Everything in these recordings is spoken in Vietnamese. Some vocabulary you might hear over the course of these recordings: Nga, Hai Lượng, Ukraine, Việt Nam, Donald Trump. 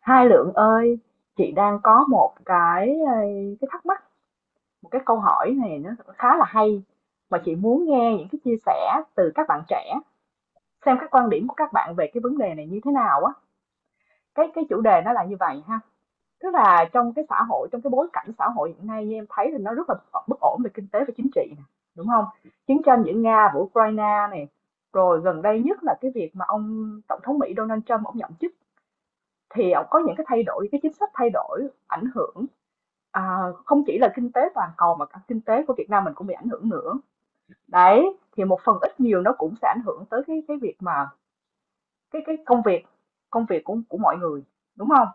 Hai Lượng ơi, chị đang có một cái, ờ, cái thắc mắc, một cái câu hỏi này nó khá là hay mà chị muốn nghe những cái chia sẻ từ các bạn trẻ, xem các quan điểm của các bạn về cái vấn đề này như thế nào á. Cái chủ đề nó là như vậy ha, tức là trong cái xã hội, trong cái bối cảnh xã hội hiện nay như em thấy thì nó rất là bất ổn về kinh tế và chính trị nè, đúng không? Chiến tranh giữa Nga và Ukraine này, rồi gần đây nhất là cái việc mà ông Tổng thống Mỹ Donald Trump ông nhậm chức thì ông có những cái thay đổi, cái chính sách thay đổi ảnh hưởng. À, Không chỉ là kinh tế toàn cầu mà cả kinh tế của Việt Nam mình cũng bị ảnh hưởng nữa. Đấy, thì một phần ít nhiều nó cũng sẽ ảnh hưởng tới cái việc mà cái công việc của mọi người, đúng không?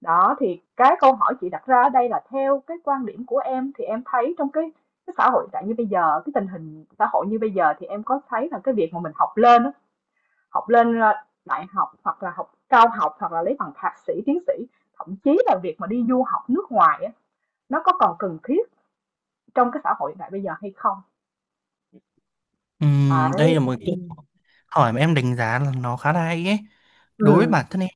Đó, thì cái câu hỏi chị đặt ra ở đây là theo cái quan điểm của em thì em thấy trong cái xã hội tại như bây giờ, cái tình hình xã hội như bây giờ thì em có thấy là cái việc mà mình học lên á, học lên à, đại học hoặc là học cao học hoặc là lấy bằng thạc sĩ, tiến sĩ, thậm chí là việc mà đi du học nước ngoài á, nó có còn cần thiết trong cái xã hội hiện đại bây giờ hay không. Đấy, Đây là một ừ, câu hỏi mà em đánh giá là nó khá là hay ấy. ừ, Đối với bản thân em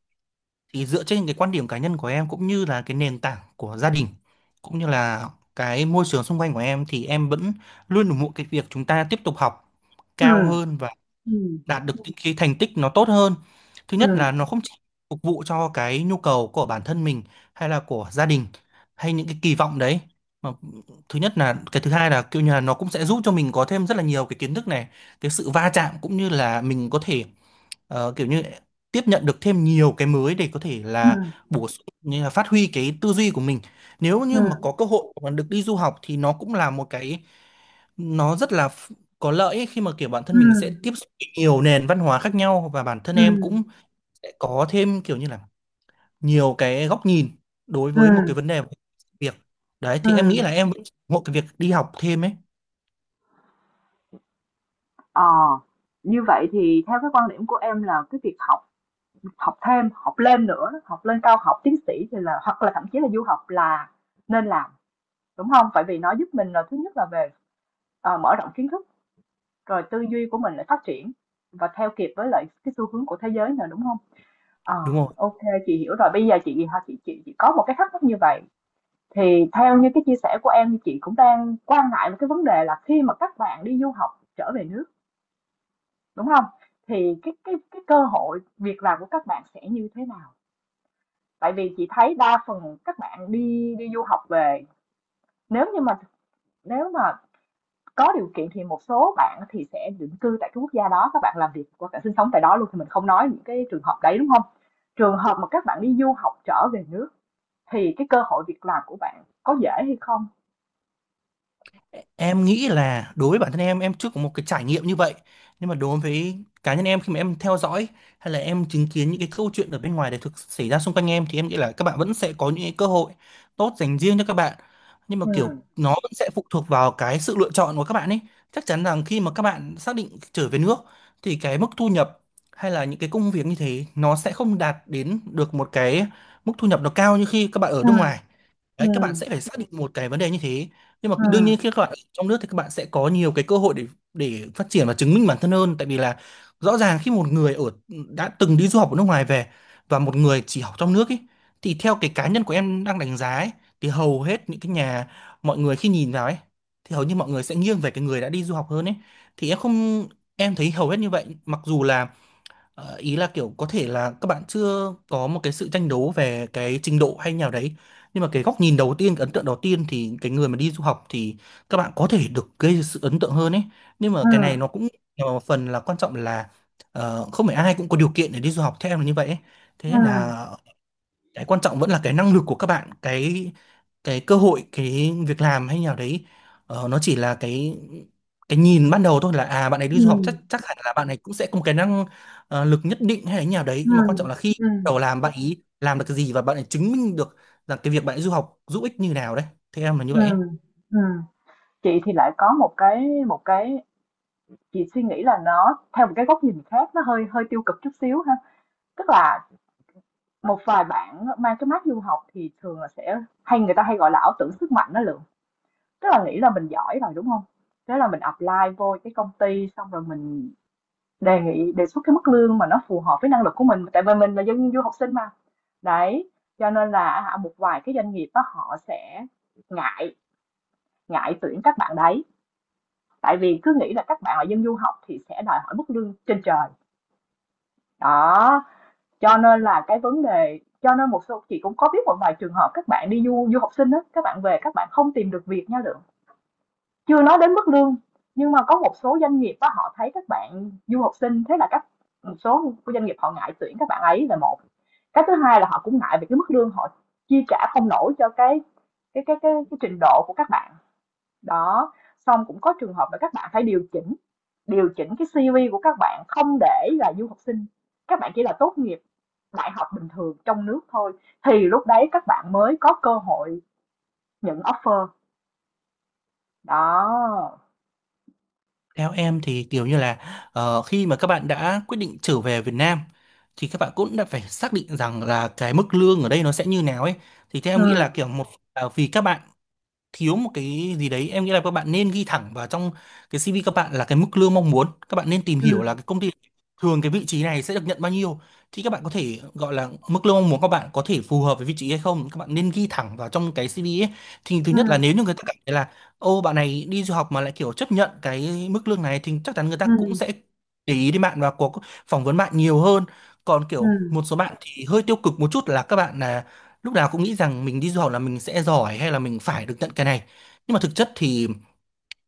thì dựa trên cái quan điểm cá nhân của em cũng như là cái nền tảng của gia đình cũng như là cái môi trường xung quanh của em thì em vẫn luôn ủng hộ cái việc chúng ta tiếp tục học ừ, cao hơn, ừ, đạt được những cái thành tích nó tốt hơn. Thứ nhất là nó ừ, không chỉ phục vụ cho cái nhu cầu của bản thân mình hay là của gia đình hay những cái kỳ vọng đấy. Mà thứ nhất là cái thứ hai là kiểu như là nó cũng sẽ giúp cho mình có thêm rất là nhiều cái kiến thức này, cái sự va chạm cũng như là mình có thể kiểu như tiếp nhận được thêm nhiều cái mới để có thể ừ, là bổ sung như là phát huy cái tư duy của mình. Nếu ừ, như mà có cơ hội mà được đi du học thì nó cũng là một cái nó rất là ph- có lợi ấy, khi mà kiểu bản ừ, thân mình sẽ tiếp xúc với nhiều nền văn hóa khác nhau và bản thân ừ, em cũng sẽ có thêm kiểu như là nhiều cái góc nhìn đối ừ, với một cái vấn đề, một cái việc đấy ừ, thì em nghĩ là em vẫn ủng hộ cái việc đi học thêm ấy, ờ, như vậy thì theo cái quan điểm của em là cái việc học học thêm học lên nữa học lên cao học tiến sĩ thì là hoặc là thậm chí là du học là nên làm, đúng không? Tại vì nó giúp mình là thứ nhất là về mở rộng kiến thức, rồi tư duy của mình lại phát triển và theo kịp với lại cái xu hướng của thế giới nữa, đúng không? Ờ, đúng không? OK, chị hiểu rồi. Bây giờ chị ha chị có một cái thắc mắc như vậy, thì theo như cái chia sẻ của em, thì chị cũng đang quan ngại một cái vấn đề là khi mà các bạn đi du học trở về nước, đúng không? Thì cái cơ hội việc làm của các bạn sẽ như thế nào? Tại vì chị thấy đa phần các bạn đi đi du học về, nếu như mà, nếu mà có điều kiện thì một số bạn thì sẽ định cư tại cái quốc gia đó, các bạn làm việc hoặc bạn sinh sống tại đó luôn, thì mình không nói những cái trường hợp đấy, đúng không? Trường hợp mà các bạn đi du học trở về nước thì cái cơ hội việc làm của bạn có dễ hay không? Em nghĩ là đối với bản thân em chưa có một cái trải nghiệm như vậy nhưng mà đối với cá nhân em khi mà em theo dõi hay là em chứng kiến những cái câu chuyện ở bên ngoài để thực xảy ra xung quanh em thì em nghĩ là các bạn vẫn sẽ có những cái cơ hội tốt dành riêng cho các bạn, nhưng mà kiểu Ừm, nó vẫn sẽ phụ thuộc vào cái sự lựa chọn của các bạn ấy. Chắc chắn rằng khi mà các bạn xác định trở về nước thì cái mức thu nhập hay là những cái công việc như thế nó sẽ không đạt đến được một cái mức thu nhập nó cao như khi các bạn ở nước Ừm, ngoài. Đấy, các bạn ừm, sẽ phải xác định một cái vấn đề như thế, nhưng mà đương nhiên ừm, khi các bạn ở trong nước thì các bạn sẽ có nhiều cái cơ hội để phát triển và chứng minh bản thân hơn, tại vì là rõ ràng khi một người đã từng đi du học ở nước ngoài về và một người chỉ học trong nước ấy, thì theo cái cá nhân của em đang đánh giá ấy, thì hầu hết những cái mọi người khi nhìn vào ấy thì hầu như mọi người sẽ nghiêng về cái người đã đi du học hơn ấy. Thì em không, em thấy hầu hết như vậy, mặc dù là ý là kiểu có thể là các bạn chưa có một cái sự tranh đấu về cái trình độ hay nào đấy, nhưng mà cái góc nhìn đầu tiên, cái ấn tượng đầu tiên thì cái người mà đi du học thì các bạn có thể được gây sự ấn tượng hơn ấy. Nhưng mà cái này nó ừm, cũng là một phần, là quan trọng là không phải ai cũng có điều kiện để đi du học, theo em là như vậy ấy. Thế nên ừm, là cái quan trọng vẫn là cái năng lực của các bạn, cái cơ hội, cái việc làm hay nào đấy, nó chỉ là cái nhìn ban đầu thôi, là à bạn ấy đi du học ừm, chắc chắc hẳn là bạn ấy cũng sẽ có một cái năng lực nhất định hay là như nào đấy, nhưng mà ừm, quan trọng là khi bắt ừm, đầu làm, bạn ấy làm được cái gì và bạn ấy chứng minh được rằng cái việc bạn ấy du học giúp ích như nào đấy, theo em là như vậy ấy. ừm, ừm. Chị thì lại có một cái, một cái, chị suy nghĩ là nó theo một cái góc nhìn khác, nó hơi hơi tiêu cực chút xíu ha. Tức là một vài bạn mang cái mác du học thì thường là sẽ hay, người ta hay gọi là ảo tưởng sức mạnh đó Lượng. Tức là nghĩ là mình giỏi rồi, đúng không? Thế là mình apply vô cái công ty xong rồi mình đề nghị đề xuất cái mức lương mà nó phù hợp với năng lực của mình, tại vì mình là dân du học sinh mà. Đấy, cho nên là một vài cái doanh nghiệp đó họ sẽ ngại ngại tuyển các bạn đấy, tại vì cứ nghĩ là các bạn là dân du học thì sẽ đòi hỏi mức lương trên trời. Đó, cho nên là cái vấn đề, cho nên một số chị cũng có biết một vài trường hợp các bạn đi du du học sinh đó, các bạn về các bạn không tìm được việc nha Lượng. Chưa nói đến mức lương, nhưng mà có một số doanh nghiệp á, họ thấy các bạn du học sinh, thế là các, một số doanh nghiệp họ ngại tuyển các bạn ấy là một. Cái thứ hai là họ cũng ngại về cái mức lương, họ chi trả không nổi cho cái trình độ của các bạn. Đó, xong cũng có trường hợp là các bạn phải điều chỉnh cái CV của các bạn không để là du học sinh, các bạn chỉ là tốt nghiệp đại học bình thường trong nước thôi thì lúc đấy các bạn mới có cơ hội nhận offer. Đó. Theo em thì kiểu như là khi mà các bạn đã quyết định trở về Việt Nam thì các bạn cũng đã phải xác định rằng là cái mức lương ở đây nó sẽ như nào ấy. Thì theo em nghĩ là Ừ, kiểu, một là vì các bạn thiếu một cái gì đấy, em nghĩ là các bạn nên ghi thẳng vào trong cái CV, các bạn là cái mức lương mong muốn, các bạn nên tìm hiểu ừ, là cái công ty thường cái vị trí này sẽ được nhận bao nhiêu, thì các bạn có thể gọi là mức lương mong muốn, các bạn có thể phù hợp với vị trí hay không, các bạn nên ghi thẳng vào trong cái CV ấy. Thì thứ nhất là ừ, nếu như người ta cảm thấy là ô, bạn này đi du học mà lại kiểu chấp nhận cái mức lương này thì chắc chắn người ta cũng ừm, sẽ để ý đến bạn và có phỏng vấn bạn nhiều hơn. Còn kiểu ừm, một số bạn thì hơi tiêu cực một chút là các bạn là lúc nào cũng nghĩ rằng mình đi du học là mình sẽ giỏi hay là mình phải được nhận cái này, nhưng mà thực chất thì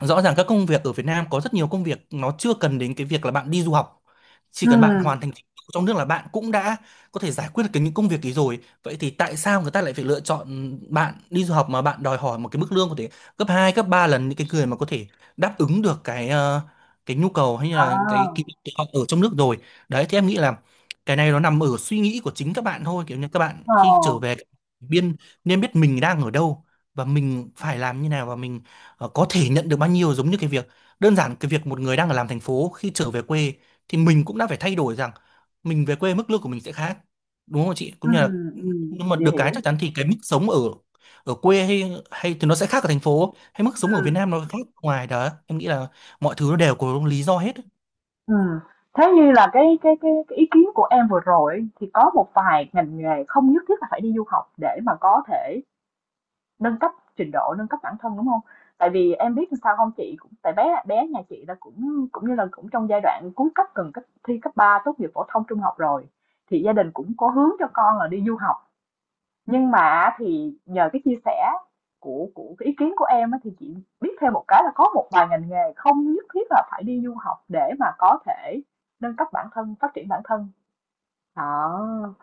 rõ ràng các công việc ở Việt Nam có rất nhiều công việc nó chưa cần đến cái việc là bạn đi du học, chỉ cần bạn ừm. hoàn thành trình độ trong nước là bạn cũng đã có thể giải quyết được cái những công việc ấy rồi. Vậy thì tại sao người ta lại phải lựa chọn bạn đi du học mà bạn đòi hỏi một cái mức lương có thể gấp 2 gấp 3 lần những cái người mà có thể đáp ứng được cái cái nhu cầu hay là cái kỹ À, năng của họ ở trong nước rồi? Đấy thì em nghĩ là cái này nó nằm ở suy nghĩ của chính các bạn thôi, kiểu như các bạn ờ. khi trở về biên nên biết mình đang ở đâu và mình phải làm như nào và mình có thể nhận được bao nhiêu, giống như cái việc đơn giản, cái việc một người đang làm thành phố khi trở về quê thì mình cũng đã phải thay đổi rằng mình về quê mức lương của mình sẽ khác, đúng không chị, cũng như là nhưng mà Chị được hiểu. cái chắc chắn thì cái mức sống ở ở quê hay hay thì nó sẽ khác ở thành phố hay mức sống ở Việt Ừm, Nam nó khác ngoài đó, em nghĩ là mọi thứ nó đều có lý do hết. ừm. Thế như là cái ý kiến của em vừa rồi ấy, thì có một vài ngành nghề không nhất thiết là phải đi du học để mà có thể nâng cấp trình độ, nâng cấp bản thân, đúng không? Tại vì em biết làm sao không chị? Cũng tại bé bé nhà chị là cũng cũng như là cũng trong giai đoạn cuối cấp gần cấp thi cấp 3 tốt nghiệp phổ thông trung học rồi, thì gia đình cũng có hướng cho con là đi du học. Nhưng mà thì nhờ cái chia sẻ của cái ý kiến của em á thì chị biết thêm một cái là có một vài ngành nghề không nhất thiết là phải đi du học để mà có thể nâng cấp bản thân, phát triển bản thân. Đó.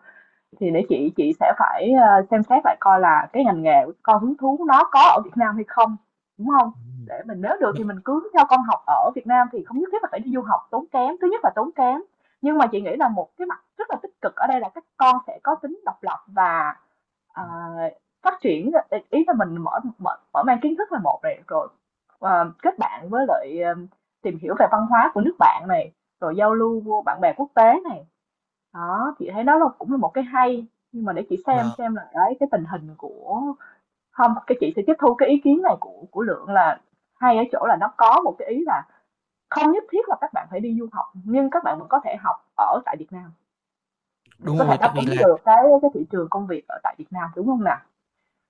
Thì để chị sẽ phải xem xét lại coi là cái ngành nghề của con hứng thú nó có ở Việt Nam hay không, đúng không? Ừ. Để mình nếu được thì mình cứ cho con học ở Việt Nam thì không nhất thiết là phải đi du học tốn kém. Thứ nhất là tốn kém. Nhưng mà chị nghĩ là một cái mặt rất là tích cực ở đây là các con sẽ có tính độc lập và à, phát triển, ý ý là mình mở mở, mở mang kiến thức là một này, rồi kết bạn với lại tìm hiểu về văn hóa của nước bạn này, rồi giao lưu với bạn bè quốc tế này, đó chị thấy đó là cũng là một cái hay. Nhưng mà để chị Vâng, xem là đấy cái tình hình của, không cái chị sẽ tiếp thu cái ý kiến này của Lượng là hay ở chỗ là nó có một cái ý là không nhất thiết là các bạn phải đi du học nhưng các bạn vẫn có thể học ở tại Việt Nam để đúng có thể rồi, đáp tại vì ứng là được cái thị trường công việc ở tại Việt Nam, đúng không nào?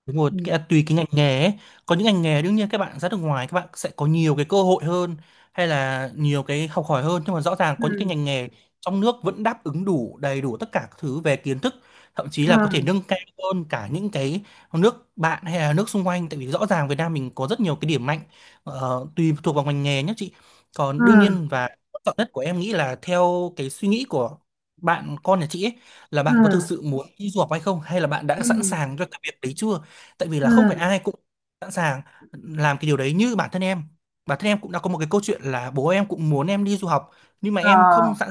đúng rồi, Ừ. cái, tùy cái ngành nghề ấy. Có những ngành nghề đương nhiên các bạn ra nước ngoài các bạn sẽ có nhiều cái cơ hội hơn hay là nhiều cái học hỏi hơn, nhưng mà rõ ràng có những cái Ừ. ngành nghề trong nước vẫn đáp ứng đủ, đầy đủ tất cả các thứ về kiến thức, thậm chí là có thể Ừm, nâng cao hơn cả những cái nước bạn hay là nước xung quanh, tại vì rõ ràng Việt Nam mình có rất nhiều cái điểm mạnh. Tùy thuộc vào ngành nghề nhé chị, còn đương nhiên ừm, và quan trọng nhất của em nghĩ là theo cái suy nghĩ của bạn con nhà chị ấy, là bạn có thực ừm, sự muốn đi du học hay không, hay là bạn đã sẵn ừm, sàng cho cái việc đấy chưa, tại vì là không phải ừm, ai cũng sẵn sàng làm cái điều đấy. Như bản thân em, cũng đã có một cái câu chuyện là bố em cũng muốn em đi du học nhưng mà ờ, em không sẵn,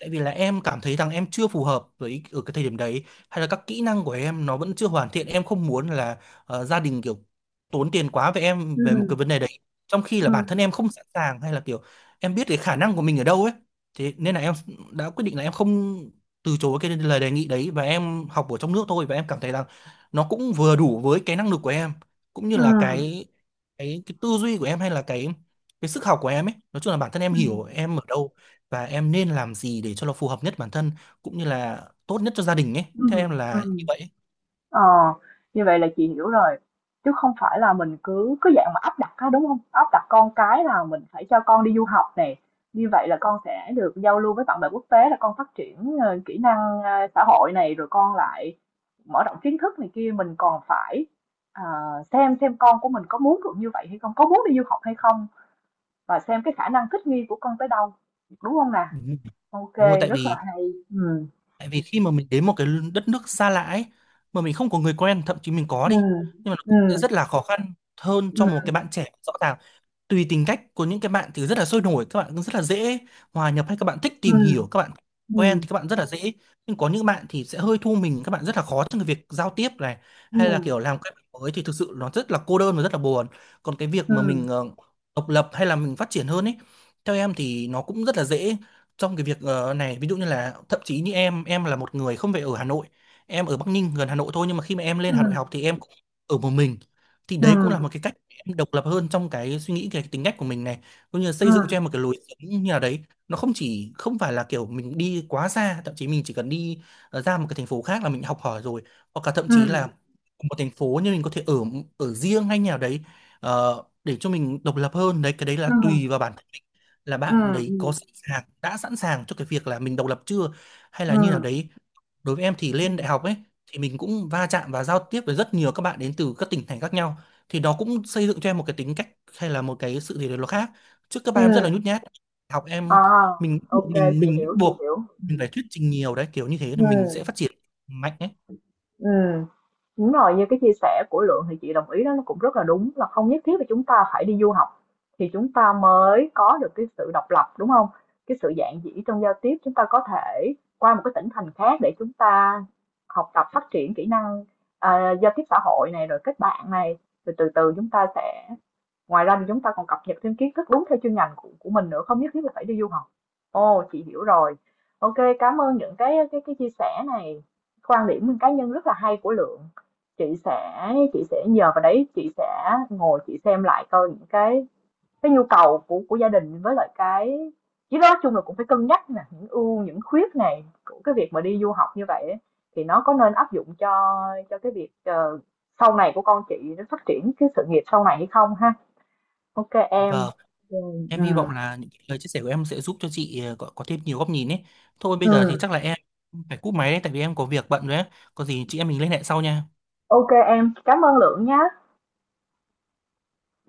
tại vì là em cảm thấy rằng em chưa phù hợp với ở cái thời điểm đấy, hay là các kỹ năng của em nó vẫn chưa hoàn thiện, em không muốn là gia đình kiểu tốn tiền quá về em về một ừm, cái vấn đề đấy, trong khi là bản ừm, thân em không sẵn sàng hay là kiểu em biết cái khả năng của mình ở đâu ấy. Thế nên là em đã quyết định là em không, từ chối cái lời đề nghị đấy và em học ở trong nước thôi, và em cảm thấy rằng nó cũng vừa đủ với cái năng lực của em cũng như là ừm, cái tư duy của em hay là cái sức học của em ấy, nói chung là bản thân em hiểu ừm, em ở đâu và em nên làm gì để cho nó phù hợp nhất bản thân cũng như là tốt nhất cho gia đình ấy, theo em ừm, là như ừm, vậy ấy. ờ, như vậy là chị hiểu rồi. Chứ không phải là mình cứ cứ dạng mà áp đặt á, đúng không? Áp đặt con cái là mình phải cho con đi du học này, như vậy là con sẽ được giao lưu với bạn bè quốc tế, là con phát triển, ờ, kỹ năng, a, xã hội này, rồi con lại mở rộng kiến thức này kia, mình còn phải, ờ, xem con của mình có muốn được như vậy hay không, có muốn đi du học hay không. Và xem cái khả năng thích nghi của con tới đâu, đúng không nè? Ừ. OK, Đúng rồi, tại rất là vì hay. Ừ, tại vì khi mà mình đến một cái đất nước xa lạ ấy mà mình không có người quen, thậm chí mình có ừ, đi nhưng mà nó ừ, cũng sẽ rất là khó khăn hơn cho một ừ, cái bạn trẻ rõ ràng. Tùy tính cách của những cái bạn thì rất là sôi nổi, các bạn cũng rất là dễ hòa nhập, hay các bạn thích tìm hiểu, các ừ, bạn quen thì ừ, các bạn rất là dễ, nhưng có những bạn thì sẽ hơi thu mình, các bạn rất là khó trong cái việc giao tiếp này ừ, hay là kiểu làm quen với mới, thì thực sự nó rất là cô đơn và rất là buồn. Còn cái việc ừ, mà mình độc lập hay là mình phát triển hơn ấy, theo em thì nó cũng rất là dễ trong cái việc này, ví dụ như là thậm chí như em là một người không phải ở Hà Nội, em ở Bắc Ninh gần Hà Nội thôi, nhưng mà khi mà em lên ừ, Hà Nội học thì em cũng ở một mình, thì ừ, đấy cũng là ừ, một cái cách em độc lập hơn trong cái suy nghĩ, cái tính cách của mình này, cũng như là xây dựng cho em một cái lối sống như nào đấy. Nó không chỉ, không phải là kiểu mình đi quá xa, thậm chí mình chỉ cần đi ra một cái thành phố khác là mình học hỏi rồi, hoặc là thậm chí ừ, là một thành phố nhưng mình có thể ở ở riêng hay nhà đấy, để cho mình độc lập hơn. Đấy, cái đấy ừ, là tùy vào bản thân mình, là ừ, bạn đấy có sẵn sàng, đã sẵn sàng cho cái việc là mình độc lập chưa hay ừ, là như nào đấy. Đối với em thì ừ, lên đại học ấy thì mình cũng va chạm và giao tiếp với rất nhiều các bạn đến từ các tỉnh thành khác nhau, thì nó cũng xây dựng cho em một cái tính cách hay là một cái sự gì đấy nó khác trước, các ừ, bạn em rất là nhút nhát học em à, mình ok, mình chị mình hiểu chị buộc hiểu mình Ừ, phải thuyết trình nhiều đấy, kiểu như thế thì mình sẽ ừ, phát triển mạnh ấy. ừ. Đúng rồi, như cái chia sẻ của Lượng thì chị đồng ý đó, nó cũng rất là đúng, là không nhất thiết là chúng ta phải đi du học thì chúng ta mới có được cái sự độc lập, đúng không? Cái sự dạn dĩ trong giao tiếp, chúng ta có thể qua một cái tỉnh thành khác để chúng ta học tập phát triển kỹ năng, giao tiếp xã hội này rồi kết bạn này, rồi từ từ chúng ta sẽ, ngoài ra thì chúng ta còn cập nhật thêm kiến thức đúng theo chuyên ngành của mình nữa, không nhất thiết là phải đi du học. Ồ, chị hiểu rồi. OK, cảm ơn những cái chia sẻ này, quan điểm cá nhân rất là hay của Lượng. Chị sẽ chị sẽ nhờ vào đấy, chị sẽ ngồi chị xem lại coi những cái nhu cầu của gia đình với lại cái, chứ nói chung là cũng phải cân nhắc nè những ưu những khuyết này của cái việc mà đi du học như vậy ấy, thì nó có nên áp dụng cho cái việc sau này của con chị nó phát triển cái sự nghiệp sau này hay không ha. OK em. Và Rồi. em Ừ. hy vọng là những cái lời chia sẻ của em sẽ giúp cho chị có, thêm nhiều góc nhìn ấy. Thôi bây Ừ. giờ thì chắc là em phải cúp máy đấy tại vì em có việc bận rồi ấy, có gì chị em mình liên hệ sau nha. OK em, cảm ơn Lượng nhá.